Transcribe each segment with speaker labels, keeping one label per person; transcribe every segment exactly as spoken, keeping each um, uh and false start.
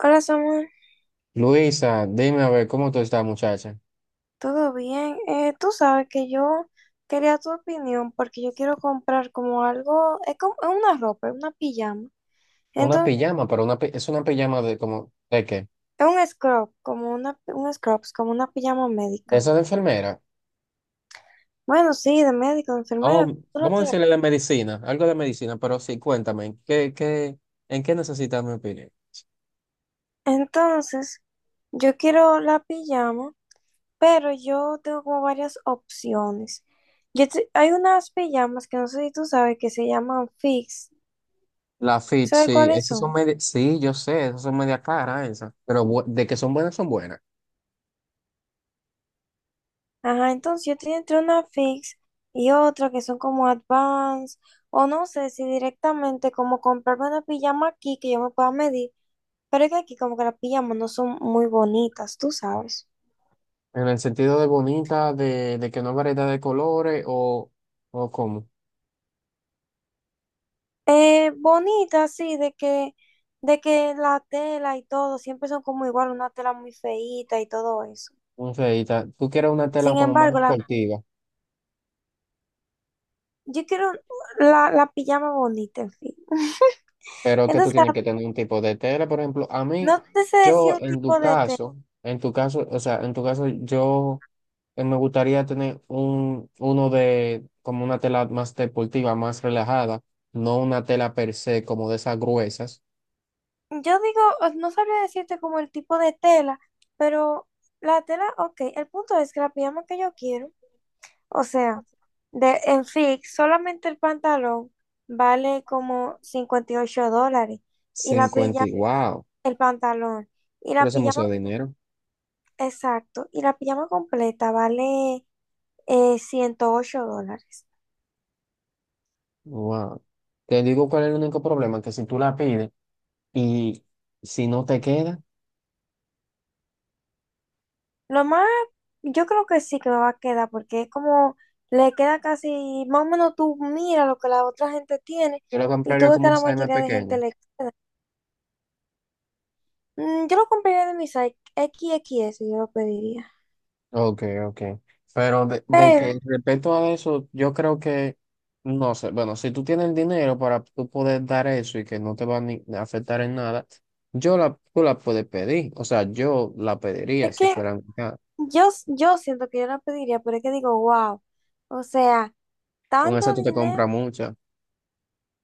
Speaker 1: Hola Samuel,
Speaker 2: Luisa, dime a ver cómo tú estás, muchacha.
Speaker 1: ¿todo bien? Eh, tú sabes que yo quería tu opinión porque yo quiero comprar como algo, es como es una ropa, es una pijama.
Speaker 2: Una
Speaker 1: Entonces,
Speaker 2: pijama, pero una pi- es una pijama de como, ¿de qué?
Speaker 1: es un scrub, como una, un scrubs, como una pijama
Speaker 2: ¿De
Speaker 1: médica.
Speaker 2: esa de enfermera?
Speaker 1: Bueno, sí, de médico, de enfermera, como
Speaker 2: Oh,
Speaker 1: tú lo
Speaker 2: vamos a
Speaker 1: quieras.
Speaker 2: decirle de medicina, algo de medicina, pero sí, cuéntame, ¿qué, qué, en qué necesitas mi opinión?
Speaker 1: Entonces, yo quiero la pijama, pero yo tengo como varias opciones. Yo te- hay unas pijamas que no sé si tú sabes que se llaman fix.
Speaker 2: La fit,
Speaker 1: ¿Sabes
Speaker 2: sí,
Speaker 1: cuáles
Speaker 2: esas son
Speaker 1: son?
Speaker 2: medias, sí, yo sé, esas son medias caras esas, pero bu- de que son buenas, son buenas.
Speaker 1: Ajá, entonces yo estoy entre una fix y otra que son como advance, o no sé si directamente como comprarme una pijama aquí que yo me pueda medir, pero es que aquí como que las pijamas no son muy bonitas, tú sabes.
Speaker 2: En el sentido de bonita, de, de que no hay variedad de colores o, o cómo.
Speaker 1: Eh, bonitas, sí, de que, de que la tela y todo siempre son como igual, una tela muy feíta y todo eso.
Speaker 2: No sé, y ta- tú quieres una tela
Speaker 1: Sin
Speaker 2: como más
Speaker 1: embargo, la,
Speaker 2: deportiva.
Speaker 1: yo quiero la, la pijama bonita, en fin.
Speaker 2: Pero que tú
Speaker 1: Entonces,
Speaker 2: tienes que tener un tipo de tela, por ejemplo, a mí,
Speaker 1: no te sé decir
Speaker 2: yo
Speaker 1: un
Speaker 2: en tu
Speaker 1: tipo de tela.
Speaker 2: caso, en tu caso, o sea, en tu caso, yo eh, me gustaría tener un, uno de, como una tela más deportiva, más relajada, no una tela per se, como de esas gruesas,
Speaker 1: Yo digo, eh, no sabría decirte como el tipo de tela, pero la tela, ok, el punto es que la pijama que yo quiero, o sea, de, en fix, solamente el pantalón vale como cincuenta y ocho dólares y la
Speaker 2: cincuenta,
Speaker 1: pijama,
Speaker 2: y- wow,
Speaker 1: el pantalón, y
Speaker 2: pero
Speaker 1: la
Speaker 2: eso es mucho
Speaker 1: pijama,
Speaker 2: dinero,
Speaker 1: exacto, y la pijama completa vale eh, ciento ocho dólares.
Speaker 2: wow. Te digo cuál es el único problema, que si tú la pides y si no te queda,
Speaker 1: Lo más, yo creo que sí que me va a quedar, porque es como, le queda casi, más o menos tú mira lo que la otra gente tiene
Speaker 2: yo la
Speaker 1: y tú
Speaker 2: compraría
Speaker 1: ves que
Speaker 2: como
Speaker 1: a
Speaker 2: un
Speaker 1: la
Speaker 2: size más
Speaker 1: mayoría de gente
Speaker 2: pequeño.
Speaker 1: le... Mm, yo lo compraría de mi site, X X S, yo lo pediría.
Speaker 2: Ok, ok. Pero de, de
Speaker 1: Pero
Speaker 2: que respecto a eso, yo creo que, no sé, bueno, si tú tienes el dinero para tú poder dar eso y que no te va a ni- a afectar en nada, yo la, tú la puedes pedir. O sea, yo la pediría
Speaker 1: es
Speaker 2: si
Speaker 1: que
Speaker 2: fueran acá.
Speaker 1: yo, yo siento que yo la pediría, pero es que digo, wow, o sea,
Speaker 2: Con eso
Speaker 1: tanto
Speaker 2: tú te compras
Speaker 1: dinero,
Speaker 2: muchas,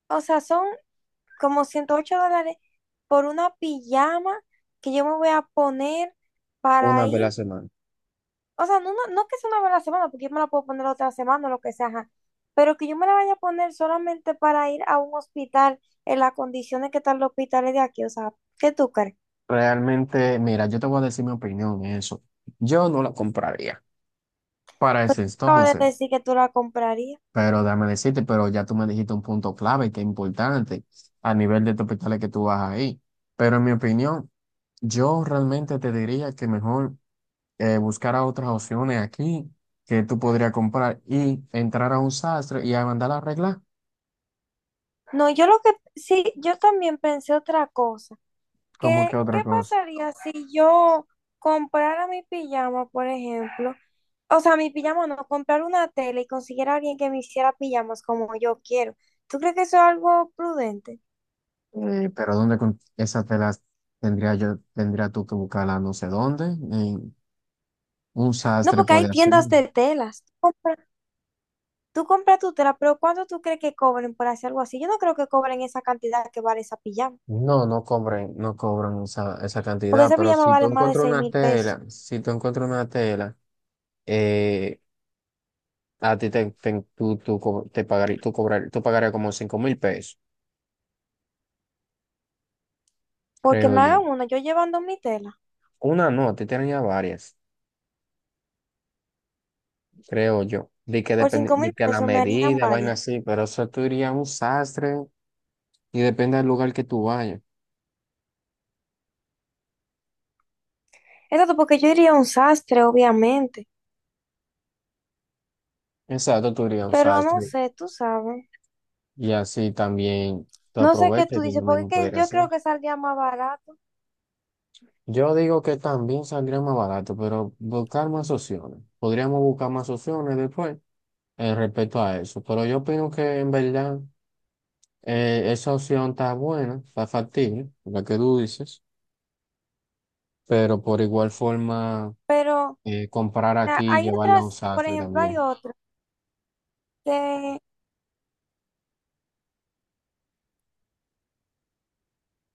Speaker 1: o sea, son como ciento ocho dólares por una pijama que yo me voy a poner para
Speaker 2: una vez a la
Speaker 1: ir.
Speaker 2: semana.
Speaker 1: O sea, no, no, no que sea una vez a la semana, porque yo me la puedo poner otra semana o lo que sea, ajá. Pero que yo me la vaya a poner solamente para ir a un hospital en las condiciones que están los hospitales de aquí. O sea, ¿qué tú crees?
Speaker 2: Realmente, mira, yo te voy a decir mi opinión en eso. Yo no la compraría para ese
Speaker 1: Acabo de
Speaker 2: entonces.
Speaker 1: decir que tú la comprarías.
Speaker 2: Pero déjame decirte, pero ya tú me dijiste un punto clave que es importante a nivel de tu hospitales que tú vas ahí. Pero en mi opinión, yo realmente te diría que mejor eh, buscar otras opciones aquí que tú podrías comprar y entrar a un sastre y a mandar a arreglar,
Speaker 1: No, yo lo que, sí, yo también pensé otra cosa.
Speaker 2: como que
Speaker 1: ¿Qué, qué
Speaker 2: otra cosa.
Speaker 1: pasaría si yo comprara mi pijama, por ejemplo? O sea, mi pijama no, comprar una tela y consiguiera a alguien que me hiciera pijamas como yo quiero. ¿Tú crees que eso es algo prudente?
Speaker 2: Eh, pero ¿dónde con esas telas tendría yo, tendría tú que buscarla no sé dónde? En un
Speaker 1: No,
Speaker 2: sastre
Speaker 1: porque hay
Speaker 2: puede hacer.
Speaker 1: tiendas de telas. Tú compras, tú compras tu tela, pero ¿cuánto tú crees que cobren por hacer algo así? Yo no creo que cobren esa cantidad que vale esa pijama,
Speaker 2: No, no cobran, no cobran esa, esa
Speaker 1: porque
Speaker 2: cantidad,
Speaker 1: esa
Speaker 2: pero
Speaker 1: pijama
Speaker 2: si
Speaker 1: vale
Speaker 2: tú
Speaker 1: más de
Speaker 2: encuentras
Speaker 1: seis
Speaker 2: una
Speaker 1: mil pesos.
Speaker 2: tela, si tú encuentras una tela, eh, a ti te, te- tú, tú co- te pagarí- tú cobrar, tú pagarías como cinco mil pesos,
Speaker 1: Porque
Speaker 2: creo
Speaker 1: me
Speaker 2: yo.
Speaker 1: hagan una, yo llevando mi tela,
Speaker 2: Una no, a ti te ya varias, creo yo. De que
Speaker 1: por
Speaker 2: depende,
Speaker 1: cinco mil
Speaker 2: de que la
Speaker 1: pesos me harían
Speaker 2: medida, vaina
Speaker 1: varias.
Speaker 2: así, pero eso tú irías a un sastre y depende del lugar que tú vayas.
Speaker 1: Exacto, porque yo iría a un sastre, obviamente,
Speaker 2: Exacto, tú irías a un
Speaker 1: pero no
Speaker 2: sastre
Speaker 1: sé, tú sabes.
Speaker 2: y así también tú
Speaker 1: No sé qué
Speaker 2: aprovechas
Speaker 1: tú
Speaker 2: y tú
Speaker 1: dices, porque es
Speaker 2: mismo
Speaker 1: que yo
Speaker 2: podrías
Speaker 1: creo
Speaker 2: hacer.
Speaker 1: que saldría más barato,
Speaker 2: Yo digo que también saldría más barato, pero buscar más opciones. Podríamos buscar más opciones después eh, respecto a eso. Pero yo opino que en verdad eh, esa opción está buena, está factible, la que tú dices. Pero por igual forma,
Speaker 1: pero o
Speaker 2: eh, comprar
Speaker 1: sea,
Speaker 2: aquí y
Speaker 1: hay
Speaker 2: llevarla a un
Speaker 1: otras, por
Speaker 2: sastre
Speaker 1: ejemplo, hay
Speaker 2: también.
Speaker 1: otras que,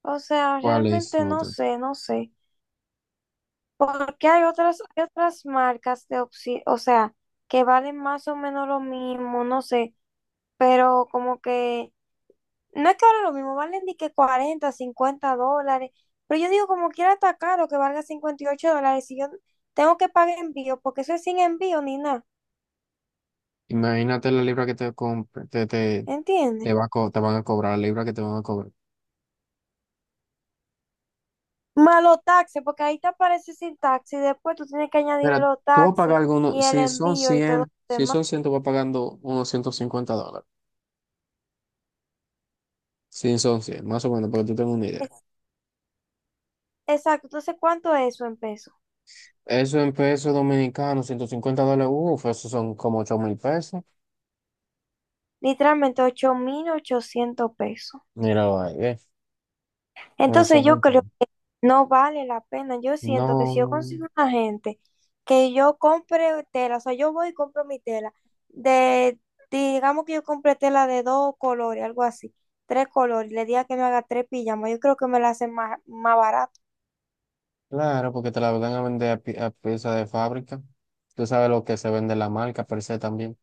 Speaker 1: o sea,
Speaker 2: ¿Cuál es
Speaker 1: realmente
Speaker 2: la
Speaker 1: no
Speaker 2: otra?
Speaker 1: sé, no sé. Porque hay otras, hay otras marcas de opción, o sea, que valen más o menos lo mismo, no sé, pero como que, no es que valen lo mismo, valen ni que cuarenta cincuenta dólares, pero yo digo como quiera está caro que valga cincuenta y ocho dólares si yo tengo que pagar envío, porque eso es sin envío ni nada,
Speaker 2: Imagínate la libra que te, compre- te, te,
Speaker 1: ¿entiendes?
Speaker 2: te, va a co- te van a cobrar, la libra que te van a cobrar.
Speaker 1: Malo taxes, porque ahí te aparece sin taxi, después tú tienes que añadir
Speaker 2: Mira,
Speaker 1: los
Speaker 2: tú vas a pagar
Speaker 1: taxes y
Speaker 2: algunos,
Speaker 1: el
Speaker 2: si son
Speaker 1: envío y todo
Speaker 2: cien,
Speaker 1: lo
Speaker 2: si
Speaker 1: demás.
Speaker 2: son cien, tú vas pagando unos ciento cincuenta dólares. Sin son cien, más o menos, para que tú tengas una idea.
Speaker 1: Es- Exacto, entonces ¿cuánto es eso en pesos?
Speaker 2: Eso en pesos dominicanos, ciento cincuenta dólares, uff, eso son como ocho mil pesos.
Speaker 1: Literalmente ocho mil ochocientos pesos.
Speaker 2: Míralo ahí, ¿eh? Eso
Speaker 1: Entonces
Speaker 2: no,
Speaker 1: yo creo
Speaker 2: entiendo.
Speaker 1: que no vale la pena. Yo siento que si yo
Speaker 2: No,
Speaker 1: consigo una gente que yo compre tela, o sea, yo voy y compro mi tela, de, digamos que yo compré tela de dos colores, algo así, tres colores, le diga que me haga tres pijamas, yo creo que me la hacen más, más barato.
Speaker 2: claro, porque te la van a vender a, pi- a pieza de fábrica. Tú sabes lo que se vende la marca per se también.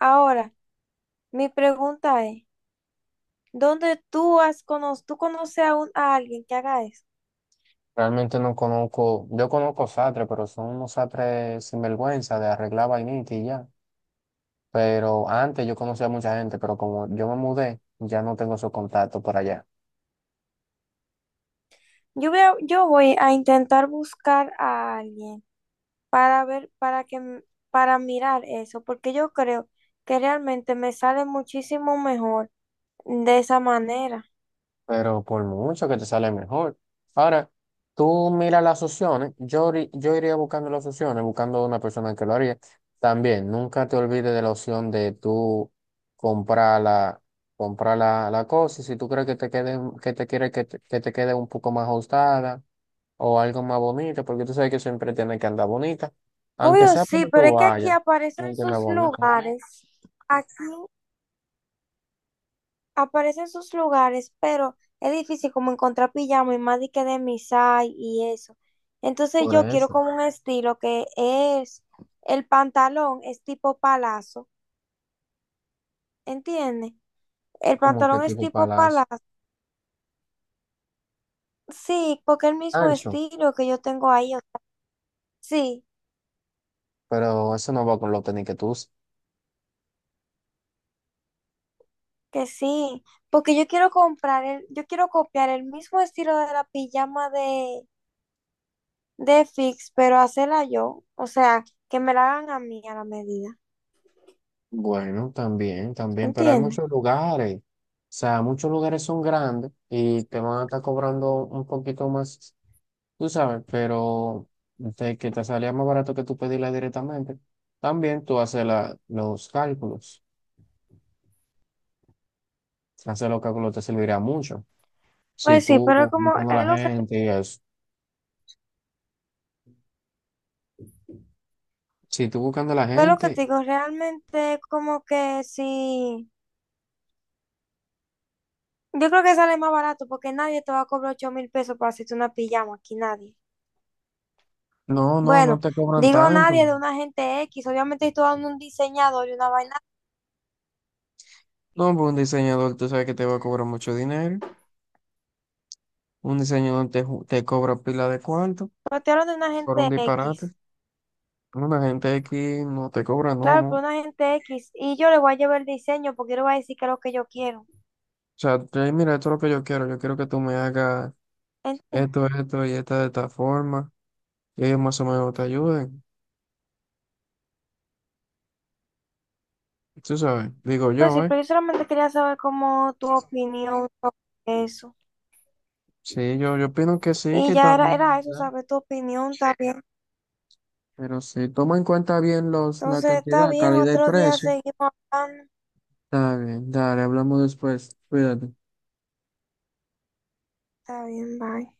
Speaker 1: Ahora, mi pregunta es, ¿dónde tú has cono tú conoces a, un- a alguien que haga eso?
Speaker 2: Realmente no conozco, yo conozco sastres, pero son unos sastres sinvergüenza de arreglar vainita y ya. Pero antes yo conocía a mucha gente, pero como yo me mudé, ya no tengo esos contactos por allá.
Speaker 1: Yo voy a- yo voy a intentar buscar a alguien para ver, para que, m- para mirar eso, porque yo creo que realmente me sale muchísimo mejor de esa manera.
Speaker 2: Pero por mucho que te sale mejor. Ahora, tú mira las opciones, yo, iri- yo iría buscando las opciones, buscando una persona que lo haría. También, nunca te olvides de la opción de tú comprar la, comprar la, la cosa, y si tú crees que te quede, que te quiere que te, que te quede un poco más ajustada o algo más bonito, porque tú sabes que siempre tiene que andar bonita, aunque
Speaker 1: Obvio
Speaker 2: sea
Speaker 1: sí,
Speaker 2: cuando
Speaker 1: pero
Speaker 2: tú
Speaker 1: es que aquí
Speaker 2: vayas,
Speaker 1: aparecen
Speaker 2: tiene que andar
Speaker 1: sus
Speaker 2: bonita.
Speaker 1: lugares, aquí aparecen sus lugares, pero es difícil como encontrar pijama y más de que de misai y eso. Entonces
Speaker 2: Por
Speaker 1: yo quiero
Speaker 2: eso,
Speaker 1: como un estilo que es, el pantalón es tipo palazo, ¿entiendes? El
Speaker 2: como que
Speaker 1: pantalón es
Speaker 2: tipo
Speaker 1: tipo
Speaker 2: palacio
Speaker 1: palazo. Sí, porque el mismo
Speaker 2: ancho,
Speaker 1: estilo que yo tengo ahí, o sea, sí,
Speaker 2: pero eso no va con los tenis que tú usas.
Speaker 1: que sí, porque yo quiero comprar el, yo quiero copiar el mismo estilo de la pijama de, de Fix, pero hacerla yo, o sea, que me la hagan a mí a la medida,
Speaker 2: Bueno, también, también, pero hay
Speaker 1: ¿entiendes?
Speaker 2: muchos lugares. O sea, muchos lugares son grandes y te van a estar cobrando un poquito más, tú sabes, pero de que te salía más barato que tú pedirla directamente. También tú haces la- los cálculos. Hacer los cálculos te servirá mucho. Si
Speaker 1: Pues sí,
Speaker 2: tú
Speaker 1: pero como
Speaker 2: buscando a
Speaker 1: es
Speaker 2: la
Speaker 1: lo que,
Speaker 2: gente y eso. Si tú buscando a la
Speaker 1: es lo que te
Speaker 2: gente,
Speaker 1: digo, realmente como que sí, yo creo que sale más barato porque nadie te va a cobrar ocho mil pesos para hacerte una pijama, aquí nadie.
Speaker 2: no, no, no
Speaker 1: Bueno,
Speaker 2: te cobran
Speaker 1: digo
Speaker 2: tanto.
Speaker 1: nadie de una gente X, obviamente estoy dando un diseñador y una vaina.
Speaker 2: No, pues un diseñador, tú sabes que te va a cobrar mucho dinero. Un diseñador te, ju- te cobra pila de cuarto.
Speaker 1: Sortearon de una
Speaker 2: Por un
Speaker 1: gente X.
Speaker 2: disparate. No, la gente aquí no te cobra, no,
Speaker 1: Claro,
Speaker 2: no.
Speaker 1: pero
Speaker 2: O
Speaker 1: una gente X. Y yo le voy a llevar el diseño porque yo le voy a decir que es lo que yo quiero.
Speaker 2: sea, tú mira, esto es lo que yo quiero. Yo quiero que tú me hagas
Speaker 1: ¿Entiendes?
Speaker 2: esto, esto y esta de esta forma. Y ellos más o menos te ayuden. Tú sabes, digo
Speaker 1: Pues sí,
Speaker 2: yo, ¿eh?
Speaker 1: pero yo solamente quería saber cómo tu opinión sobre eso.
Speaker 2: Sí, yo, yo opino que sí, que
Speaker 1: Y
Speaker 2: está
Speaker 1: ya era, era
Speaker 2: bien,
Speaker 1: eso,
Speaker 2: ¿verdad?
Speaker 1: saber tu opinión, está bien.
Speaker 2: Pero si toma en cuenta bien los, la
Speaker 1: Entonces, está
Speaker 2: cantidad,
Speaker 1: bien,
Speaker 2: calidad y
Speaker 1: otro día
Speaker 2: precio,
Speaker 1: seguimos hablando.
Speaker 2: está bien. Dale, hablamos después. Cuídate.
Speaker 1: Está bien, bye.